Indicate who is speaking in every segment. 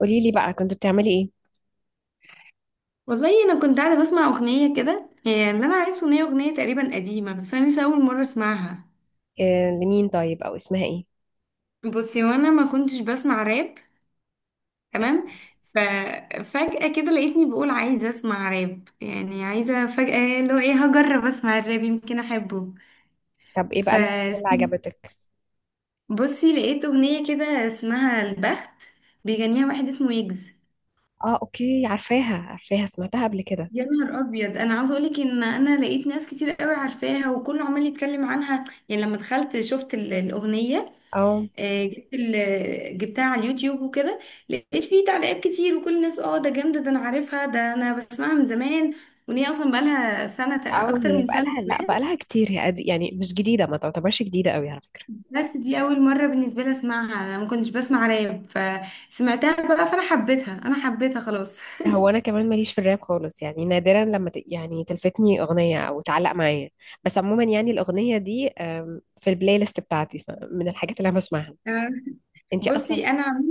Speaker 1: قولي لي بقى، كنت بتعملي ايه؟
Speaker 2: والله انا كنت قاعده بسمع اغنيه كده، هي اللي انا عرفته ان هي اغنيه تقريبا قديمه بس انا لسه اول مره اسمعها.
Speaker 1: آه، لمين؟ طيب او اسمها ايه؟
Speaker 2: بصي، وانا ما كنتش بسمع راب. تمام. ففجاه كده لقيتني بقول عايزه اسمع راب، يعني عايزه فجاه اللي هو ايه، هجرب اسمع الراب يمكن احبه.
Speaker 1: طب ايه
Speaker 2: ف
Speaker 1: بقى اللي عجبتك؟
Speaker 2: بصي لقيت اغنيه كده اسمها البخت، بيغنيها واحد اسمه يجز.
Speaker 1: اه اوكي، عارفاها، سمعتها قبل كده.
Speaker 2: يا نهار ابيض، انا عاوزه اقولك ان انا لقيت ناس كتير قوي عارفاها وكله عمال يتكلم عنها. يعني لما دخلت شفت الاغنيه.
Speaker 1: اه
Speaker 2: جبت جبتها على اليوتيوب وكده. لقيت فيه تعليقات كتير، وكل الناس اه ده جامدة، ده انا عارفها، ده انا بسمعها من زمان، وان هي اصلا بقالها سنة
Speaker 1: اه،
Speaker 2: اكتر
Speaker 1: هي
Speaker 2: من سنة
Speaker 1: بقالها، لا
Speaker 2: كمان.
Speaker 1: بقالها كتير، يعني مش جديدة، ما تعتبرش جديدة قوي على فكرة.
Speaker 2: بس دي اول مرة بالنسبة لي اسمعها، انا ما كنتش بسمع راب. فسمعتها بقى فانا حبيتها، انا حبيتها خلاص.
Speaker 1: هو انا كمان ماليش في الراب خالص، يعني نادرا يعني تلفتني اغنية او تعلق معايا. بس عموما يعني الاغنية دي في البلاي ليست بتاعتي، من الحاجات اللي انا بسمعها.
Speaker 2: آه،
Speaker 1: انتي اصلا
Speaker 2: بصي انا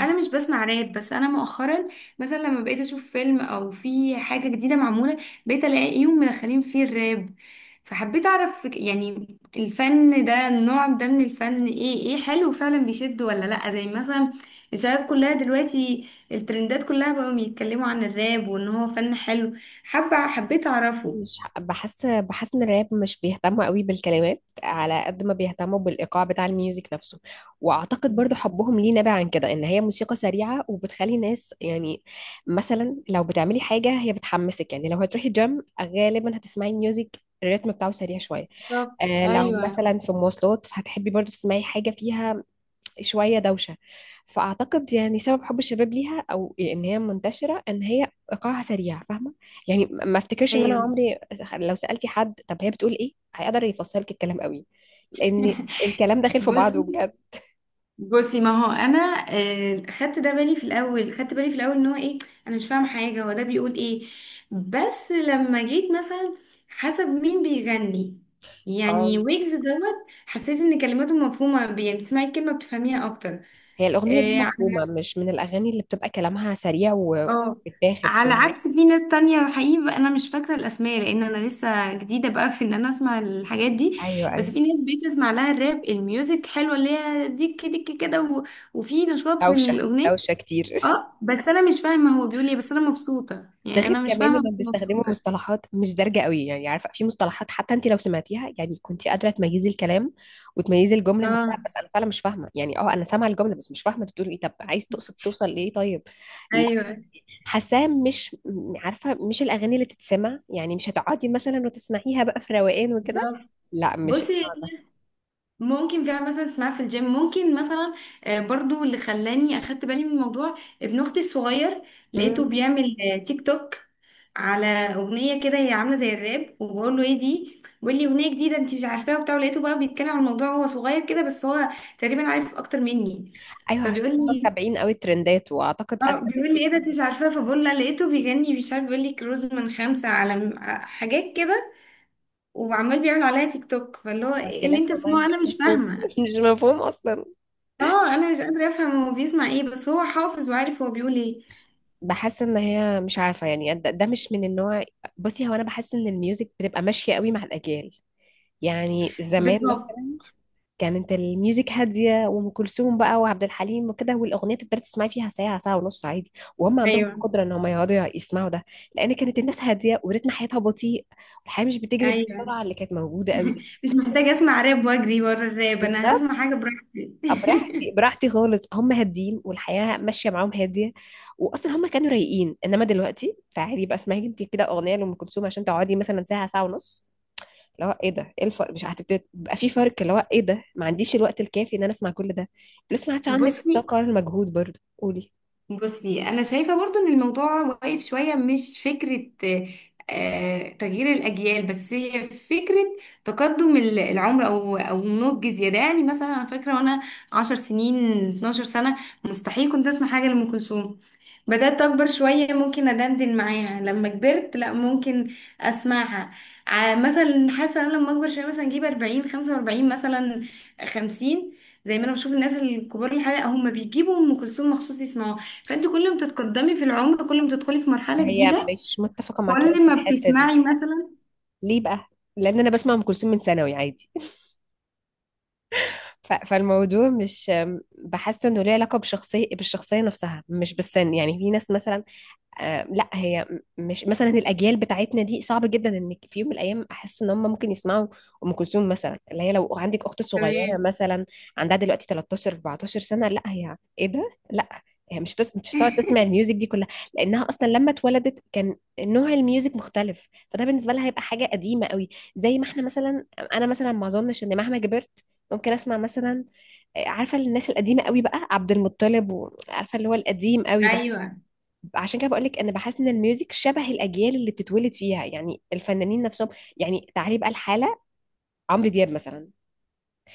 Speaker 2: انا مش بسمع راب، بس انا مؤخرا مثلا لما بقيت اشوف فيلم او في حاجه جديده معموله، بقيت الاقيهم مدخلين فيه الراب. فحبيت اعرف يعني الفن ده، النوع ده من الفن ايه، ايه حلو فعلا بيشد ولا لا؟ زي مثلا الشباب كلها دلوقتي الترندات كلها بقوا بيتكلموا عن الراب وان هو فن حلو، حابه حبيت اعرفه.
Speaker 1: مش ح- بحس ان الراب مش بيهتموا قوي بالكلمات على قد ما بيهتموا بالايقاع بتاع الميوزك نفسه. واعتقد برضو حبهم ليه نابع عن كده، ان هي موسيقى سريعه وبتخلي ناس يعني مثلا لو بتعملي حاجه هي بتحمسك، يعني لو هتروحي جيم غالبا هتسمعي ميوزك الريتم بتاعه سريع شويه.
Speaker 2: بالظبط،
Speaker 1: آه، لو
Speaker 2: ايوه.
Speaker 1: مثلا في مواصلات هتحبي برضو تسمعي حاجه فيها شوية دوشة. فأعتقد يعني سبب حب الشباب ليها أو إن هي منتشرة إن هي إيقاعها سريع، فاهمة؟ يعني ما أفتكرش إن أنا
Speaker 2: ايوه.
Speaker 1: عمري، لو سألتي حد طب هي بتقول إيه، هيقدر يفصلك الكلام قوي، لأن الكلام داخل في بعضه
Speaker 2: بصي
Speaker 1: بجد.
Speaker 2: بصي ما هو انا، آه، خدت ده بالي في الاول، خدت بالي في الاول ان هو ايه، انا مش فاهمه حاجه هو ده بيقول ايه. بس لما جيت مثلا حسب مين بيغني،
Speaker 1: اه،
Speaker 2: يعني ويجز دوت، حسيت ان كلماته مفهومه يعني بتسمعي الكلمه بتفهميها اكتر.
Speaker 1: هي الأغنية دي
Speaker 2: آه،
Speaker 1: مفهومة،
Speaker 2: على
Speaker 1: مش من الأغاني اللي بتبقى كلامها سريع
Speaker 2: اه،
Speaker 1: وبتاخد،
Speaker 2: على
Speaker 1: فاهمة.
Speaker 2: عكس في ناس تانية حقيقي بقى، انا مش فاكره الاسماء لان انا لسه جديده بقى في ان انا اسمع الحاجات دي.
Speaker 1: أيوه
Speaker 2: بس
Speaker 1: أيوه.
Speaker 2: في ناس بتسمع لها الراب، الميوزك حلوه اللي هي ديك ديك كده وفي نشاط في
Speaker 1: دوشة،
Speaker 2: الاغنيه.
Speaker 1: دوشة كتير.
Speaker 2: اه، بس انا مش فاهمه هو بيقول ايه، بس انا مبسوطه،
Speaker 1: ده
Speaker 2: يعني
Speaker 1: غير
Speaker 2: انا مش
Speaker 1: كمان
Speaker 2: فاهمه بس
Speaker 1: انهم بيستخدموا
Speaker 2: مبسوطه.
Speaker 1: مصطلحات مش دارجه قوي، يعني عارفه في مصطلحات حتى انت لو سمعتيها يعني كنت قادره تميزي الكلام وتميزي الجمله نفسها،
Speaker 2: اه.
Speaker 1: بس انا فعلا مش فاهمه، يعني اه انا سامعه الجمله بس مش فاهمه انت بتقول ايه، طب عايز تقصد توصل لايه؟ طيب لا،
Speaker 2: ايوه.
Speaker 1: حاساها مش عارفه مش الاغاني اللي تتسمع، يعني مش هتقعدي مثلا وتسمعيها بقى في روقان وكده.
Speaker 2: بالظبط.
Speaker 1: لا مش
Speaker 2: بصي
Speaker 1: النوع ده.
Speaker 2: ممكن كمان مثلا تسمعها في الجيم ممكن مثلا. آه، برضو اللي خلاني اخدت بالي من الموضوع ابن اختي الصغير، لقيته
Speaker 1: مم.
Speaker 2: بيعمل تيك توك على اغنيه كده هي عامله زي الراب، وبقول له ايه دي؟ بيقول لي اغنيه جديده انت مش عارفاها وبتاع. لقيته بقى بيتكلم عن الموضوع وهو صغير كده، بس هو تقريبا عارف اكتر مني.
Speaker 1: ايوه،
Speaker 2: فبيقول
Speaker 1: عشان هم
Speaker 2: لي
Speaker 1: متابعين قوي الترندات، واعتقد
Speaker 2: اه،
Speaker 1: اغلب
Speaker 2: بيقول لي
Speaker 1: التيك
Speaker 2: ايه ده
Speaker 1: توك
Speaker 2: انت مش
Speaker 1: بتاع،
Speaker 2: عارفه؟ فبقول لها لقيته بيغني مش عارف بيقول لي كروز من خمسه على حاجات كده، وعمال بيعمل عليها تيك توك. فاللي هو
Speaker 1: هو
Speaker 2: ايه اللي
Speaker 1: كلام
Speaker 2: انت
Speaker 1: والله
Speaker 2: بتسمعه،
Speaker 1: مش
Speaker 2: انا مش
Speaker 1: مفهوم.
Speaker 2: فاهمه.
Speaker 1: مش مفهوم اصلا.
Speaker 2: اه انا مش قادره افهم هو بيسمع ايه، بس هو حافظ وعارف هو بيقول ايه.
Speaker 1: بحس ان هي مش عارفه يعني، ده مش من النوع. بصي هو انا بحس ان الميوزك بتبقى ماشيه قوي مع الاجيال. يعني زمان
Speaker 2: بالظبط.
Speaker 1: مثلا كانت الميوزك هاديه، وام كلثوم بقى وعبد الحليم وكده، والاغنيه تقدري تسمعي فيها ساعه ساعه ونص عادي، وهم عندهم
Speaker 2: ايوه.
Speaker 1: القدره ان هم يقعدوا يسمعوا ده، لان كانت الناس هاديه وريتم حياتها بطيء، والحياه مش بتجري
Speaker 2: ايوه.
Speaker 1: بالسرعه اللي كانت موجوده قوي دي.
Speaker 2: مش محتاجه اسمع راب واجري ورا الراب، انا
Speaker 1: بالظبط.
Speaker 2: هسمع حاجه براحتي.
Speaker 1: براحتي براحتي خالص، هم هاديين والحياة ماشية معاهم هادية، وأصلا هم كانوا رايقين. إنما دلوقتي تعالي بقى اسمعي انت كده أغنية لأم كلثوم عشان تقعدي مثلا ساعة ساعة ونص، اللي هو ايه ده، ايه الفرق، مش هتبتدي بقى في فرق اللي هو ايه ده، ما عنديش الوقت الكافي ان انا اسمع كل ده، لسه ما عادش عندك
Speaker 2: بصي
Speaker 1: الطاقه ولا المجهود برضه، قولي.
Speaker 2: بصي انا شايفه برضو ان الموضوع واقف شويه، مش فكره آه، تغيير الاجيال، بس هي فكره تقدم العمر او او نضج زياده. يعني مثلا انا فاكره وانا 10 سنين، 12 سنه، مستحيل كنت اسمع حاجه لام كلثوم. بدات اكبر شويه ممكن ادندن معاها، لما كبرت لا ممكن اسمعها. مثلا حاسه انا لما اكبر شويه مثلا اجيب 40، 45 مثلا، 50، زي ما انا بشوف الناس الكبار، الحقيقه هم بيجيبوا ام كلثوم مخصوص يسمعوها. فانت كل ما تتقدمي في العمر، كل ما تدخلي في مرحلة
Speaker 1: هي
Speaker 2: جديدة،
Speaker 1: مش متفقه معاك أوي
Speaker 2: كل
Speaker 1: في
Speaker 2: ما
Speaker 1: الحته دي.
Speaker 2: بتسمعي مثلا.
Speaker 1: ليه بقى؟ لان انا بسمع ام كلثوم من ثانوي عادي. فالموضوع مش، بحس انه ليه علاقه بشخصيه، بالشخصيه نفسها مش بالسن. يعني في ناس مثلا، آه، لا مش مثلا الاجيال بتاعتنا دي صعب جدا ان في يوم من الايام احس ان هم ممكن يسمعوا ام كلثوم مثلا، اللي هي لو عندك اخت صغيره
Speaker 2: تمام.
Speaker 1: مثلا، عندها دلوقتي 13 14 سنه، لا هي ايه ده، لا هي مش هتقعد تسمع الميوزك دي كلها، لانها اصلا لما اتولدت كان نوع الميوزك مختلف، فده بالنسبه لها هيبقى حاجه قديمه قوي. زي ما احنا مثلا، انا مثلا ما اظنش ان مهما كبرت ممكن اسمع مثلا، آه، عارفه الناس القديمه قوي بقى، عبد المطلب، وعارفه اللي هو القديم قوي ده.
Speaker 2: ايوه.
Speaker 1: عشان كده بقول لك انا بحس ان الميوزك شبه الاجيال اللي بتتولد فيها، يعني الفنانين نفسهم. يعني تعالي بقى الحاله، عمرو دياب مثلا،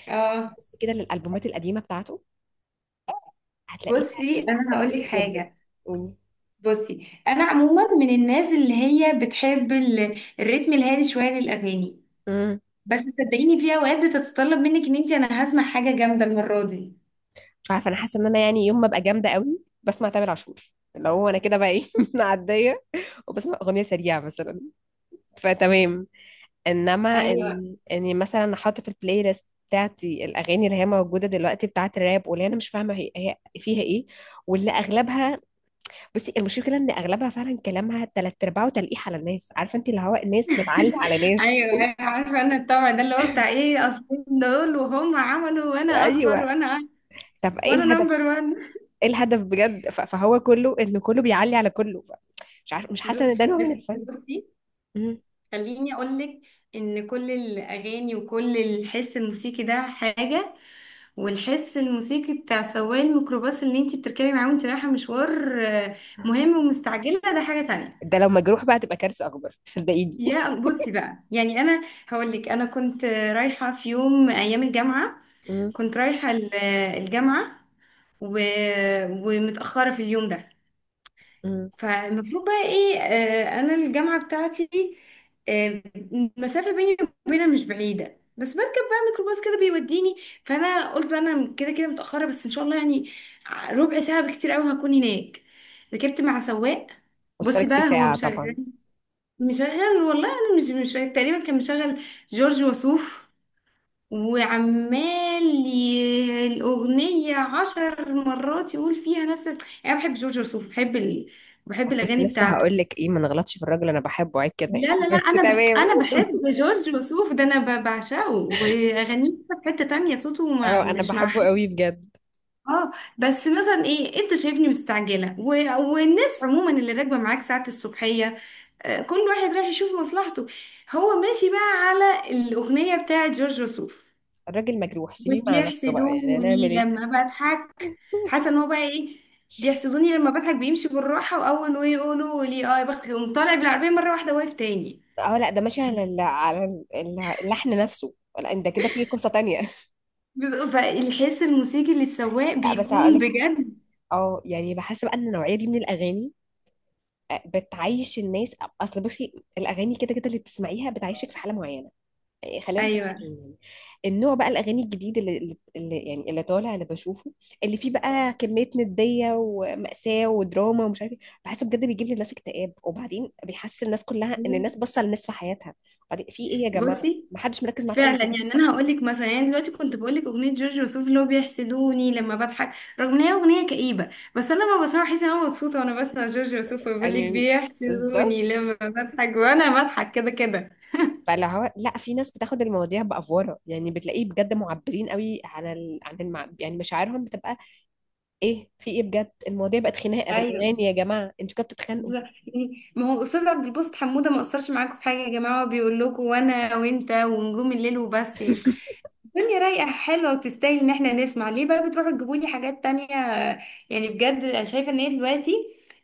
Speaker 2: اه
Speaker 1: بصي كده للالبومات القديمه بتاعته، هتلاقيها
Speaker 2: بصي انا هقول لك
Speaker 1: هتعجبك جدا.
Speaker 2: حاجه.
Speaker 1: قولي.
Speaker 2: بصي انا عموما من الناس اللي هي بتحب الريتم الهادي شويه للاغاني.
Speaker 1: امم.
Speaker 2: بس صدقيني في اوقات بتتطلب منك ان انت، انا هسمع حاجه جامده المره دي.
Speaker 1: مش عارفه، انا حاسه ان انا يعني يوم ما ابقى جامده قوي بسمع تامر عاشور، اللي هو انا كده بقى ايه معديه، وبسمع اغنيه سريعه مثلا، فتمام. انما
Speaker 2: ايوه.
Speaker 1: ان اني مثلا احط في البلاي ليست بتاعتي الاغاني اللي هي موجوده دلوقتي بتاعت الراب، واللي انا مش فاهمه هي هي فيها ايه، واللي اغلبها، بصي المشكله ان اغلبها فعلا كلامها تلات ارباعه تلقيح على الناس، عارفه انت اللي هو الناس بتعلي على ناس.
Speaker 2: ايوه أيوة، عارفه انا الطبع ده اللي هو بتاع ايه، اصلين دول وهم عملوا وانا اكبر،
Speaker 1: ايوه.
Speaker 2: وانا
Speaker 1: طب ايه
Speaker 2: وانا نمبر
Speaker 1: الهدف،
Speaker 2: وان.
Speaker 1: ايه الهدف بجد، فهو كله ان كله بيعلي على كله، ف- مش عارف، مش
Speaker 2: بالظبط.
Speaker 1: حاسه ان ده نوع
Speaker 2: بس
Speaker 1: من الفن.
Speaker 2: بصي
Speaker 1: مم.
Speaker 2: خليني أقولك إن كل الأغاني وكل الحس الموسيقي ده حاجة، والحس الموسيقي بتاع سواق الميكروباص اللي انتي بتركبي معاه وانتي رايحة مشوار مهم ومستعجلة ده حاجة تانية.
Speaker 1: ده لو مجروح بقى تبقى كارثه اكبر صدقيني.
Speaker 2: يا بصي بقى يعني أنا هقولك أنا كنت رايحة في يوم أيام الجامعة،
Speaker 1: مم.
Speaker 2: كنت رايحة الجامعة و... ومتأخرة في اليوم ده.
Speaker 1: مم.
Speaker 2: فالمفروض بقى ايه آه، انا الجامعة بتاعتي دي، آه المسافة بيني وبينها مش بعيدة، بس بركب بقى ميكروباص كده بيوديني. فانا قلت بقى انا كده كده متأخرة، بس ان شاء الله يعني ربع ساعة بكتير قوي هكون هناك. ركبت مع سواق، بصي
Speaker 1: وصلك في
Speaker 2: بقى هو
Speaker 1: ساعه
Speaker 2: مشغل،
Speaker 1: طبعا.
Speaker 2: مشغل والله انا مش فاكرة. تقريبا كان مشغل جورج وسوف، وعمال الأغنية عشر مرات يقول فيها نفس، يعني أنا بحب جورج وسوف، بحب بحب
Speaker 1: كنت
Speaker 2: الأغاني
Speaker 1: لسه
Speaker 2: بتاعته.
Speaker 1: هقول لك ايه، ما نغلطش في الراجل، انا بحبه، عيب كده
Speaker 2: لا
Speaker 1: يعني
Speaker 2: لا لا
Speaker 1: بس
Speaker 2: انا
Speaker 1: تمام.
Speaker 2: انا بحب جورج وسوف، ده انا بعشقه، واغانيه في حته تانية، صوته ما...
Speaker 1: اه انا
Speaker 2: مش مع
Speaker 1: بحبه
Speaker 2: حد.
Speaker 1: قوي بجد.
Speaker 2: اه. بس مثلا ايه انت شايفني مستعجله والناس عموما اللي راكبه معاك ساعه الصبحيه، آه، كل واحد رايح يشوف مصلحته، هو ماشي بقى على الاغنيه بتاعه جورج وسوف،
Speaker 1: الراجل مجروح سيبيه مع نفسه بقى، يعني هنعمل
Speaker 2: وبيحسدوني
Speaker 1: ايه.
Speaker 2: لما بضحك. حسن هو بقى ايه، بيحسدوني لما بضحك، بيمشي بالراحه واول ما يقولوا لي اه يا بختك يقوم طالع بالعربيه مره واحده واقف تاني.
Speaker 1: اه لا ده ماشي على اللحن نفسه. لا انت كده في قصة تانية.
Speaker 2: فالحس الموسيقي للسواق
Speaker 1: لا بس هقول
Speaker 2: بيكون
Speaker 1: لك حاجة.
Speaker 2: بجد.
Speaker 1: اه يعني بحس بقى ان النوعية دي من الاغاني، آه، بتعيش الناس. اصل بصي الاغاني كده كده اللي بتسمعيها بتعيشك في حالة معينة، آه، خلينا
Speaker 2: ايوه.
Speaker 1: متفقين يعني. النوع بقى الاغاني الجديد يعني اللي طالع اللي بشوفه، اللي فيه بقى كمية ندية ومأساة ودراما ومش عارف ايه، بحسه بجد بيجيب للناس اكتئاب، وبعدين بيحس الناس كلها ان
Speaker 2: مم.
Speaker 1: الناس باصة للناس في حياتها، بعدين في ايه يا جماعة،
Speaker 2: بصي
Speaker 1: ما حدش مركز معاكم قوي
Speaker 2: فعلا،
Speaker 1: كده،
Speaker 2: يعني انا هقول لك مثلا، يعني دلوقتي كنت بقول لك اغنيه جورج وسوف اللي هو بيحسدوني لما بضحك، رغم ان هي اغنيه كئيبه، بس انا لما بسمعها بحس ان انا مبسوطه، وانا بسمع جورج وسوف بيقول لك
Speaker 1: يعني. بالظبط.
Speaker 2: بيحسدوني لما بضحك وانا بضحك كده كده.
Speaker 1: فاللي هو لا، في ناس بتاخد المواضيع بأفورة، يعني بتلاقيه بجد معبرين قوي عن يعني مشاعرهم بتبقى ايه، في ايه بجد، المواضيع بقت خناقة
Speaker 2: ايوه.
Speaker 1: بالأغاني، يا جماعة انتوا كده بتتخانقوا.
Speaker 2: بالظبط. يعني ما هو استاذ عبد الباسط حموده ما قصرش معاكم في حاجه يا جماعه، هو بيقول لكم وانا وانت ونجوم الليل وبس يعني. الدنيا رايقة حلوة وتستاهل ان احنا نسمع ليه بقى بتروحوا تجيبوا لي حاجات تانية؟ يعني بجد انا شايفة ان هي دلوقتي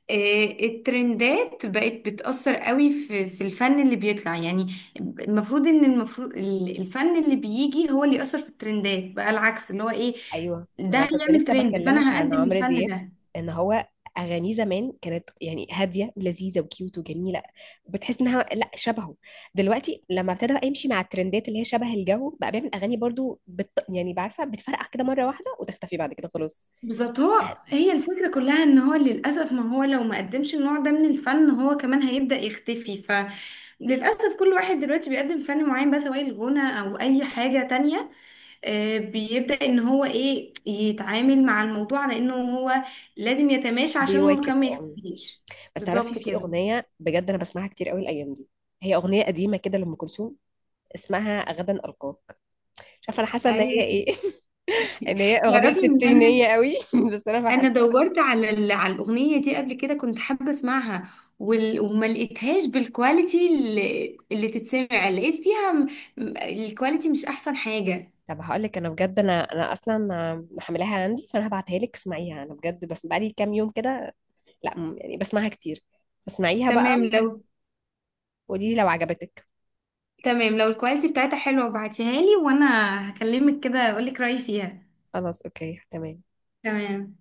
Speaker 2: آه، الترندات بقت بتأثر قوي في في الفن اللي بيطلع. يعني المفروض ان المفروض الفن اللي بيجي هو اللي يأثر في الترندات، بقى العكس اللي هو ايه،
Speaker 1: ايوه ما
Speaker 2: ده
Speaker 1: انا كنت
Speaker 2: هيعمل
Speaker 1: لسه
Speaker 2: ترند
Speaker 1: بكلمك
Speaker 2: فانا
Speaker 1: عن
Speaker 2: هقدم
Speaker 1: عمرو
Speaker 2: الفن
Speaker 1: دياب،
Speaker 2: ده.
Speaker 1: ان هو اغانيه زمان كانت يعني هاديه ولذيذه وكيوت وجميله، بتحس انها لا شبهه، دلوقتي لما ابتدى بقى يمشي مع الترندات اللي هي شبه الجو بقى، بيعمل اغاني برضو يعني بعرفه بتفرقع كده مره واحده وتختفي بعد كده خلاص.
Speaker 2: بالظبط. هو هي الفكرة كلها ان هو للأسف، ما هو لو ما قدمش النوع ده من الفن هو كمان هيبدأ يختفي. فللأسف كل واحد دلوقتي بيقدم فن معين بقى سواء الغنى أو أي حاجة تانية، آه، بيبدأ ان هو ايه يتعامل مع الموضوع على انه هو لازم يتماشى عشان هو
Speaker 1: بيواكب
Speaker 2: كمان ما
Speaker 1: اه.
Speaker 2: يختفيش.
Speaker 1: بس تعرفي
Speaker 2: بالظبط
Speaker 1: في
Speaker 2: كده.
Speaker 1: اغنيه بجد انا بسمعها كتير قوي الايام دي، هي اغنيه قديمه كده لام كلثوم، اسمها غدا القاك، مش عارفه انا حاسه ان هي
Speaker 2: ايوه.
Speaker 1: ايه ان هي اغنيه
Speaker 2: تعرفي ان انا،
Speaker 1: ستينيه قوي بس انا
Speaker 2: انا
Speaker 1: بحبها.
Speaker 2: دورت على على الاغنيه دي قبل كده، كنت حابه اسمعها وما لقيتهاش بالكواليتي اللي تتسمع، لقيت فيها الكواليتي مش احسن حاجه.
Speaker 1: طب هقول لك انا بجد، انا انا اصلا محملاها عندي، فانا هبعتها لك اسمعيها، انا بجد بس بقالي كام يوم كده، لا يعني بسمعها كتير، اسمعيها بقى
Speaker 2: تمام لو،
Speaker 1: وقولي لي لو عجبتك.
Speaker 2: تمام لو الكواليتي بتاعتها حلوه ابعتيها لي، وانا هكلمك كده اقول لك رايي فيها.
Speaker 1: خلاص اوكي تمام.
Speaker 2: تمام.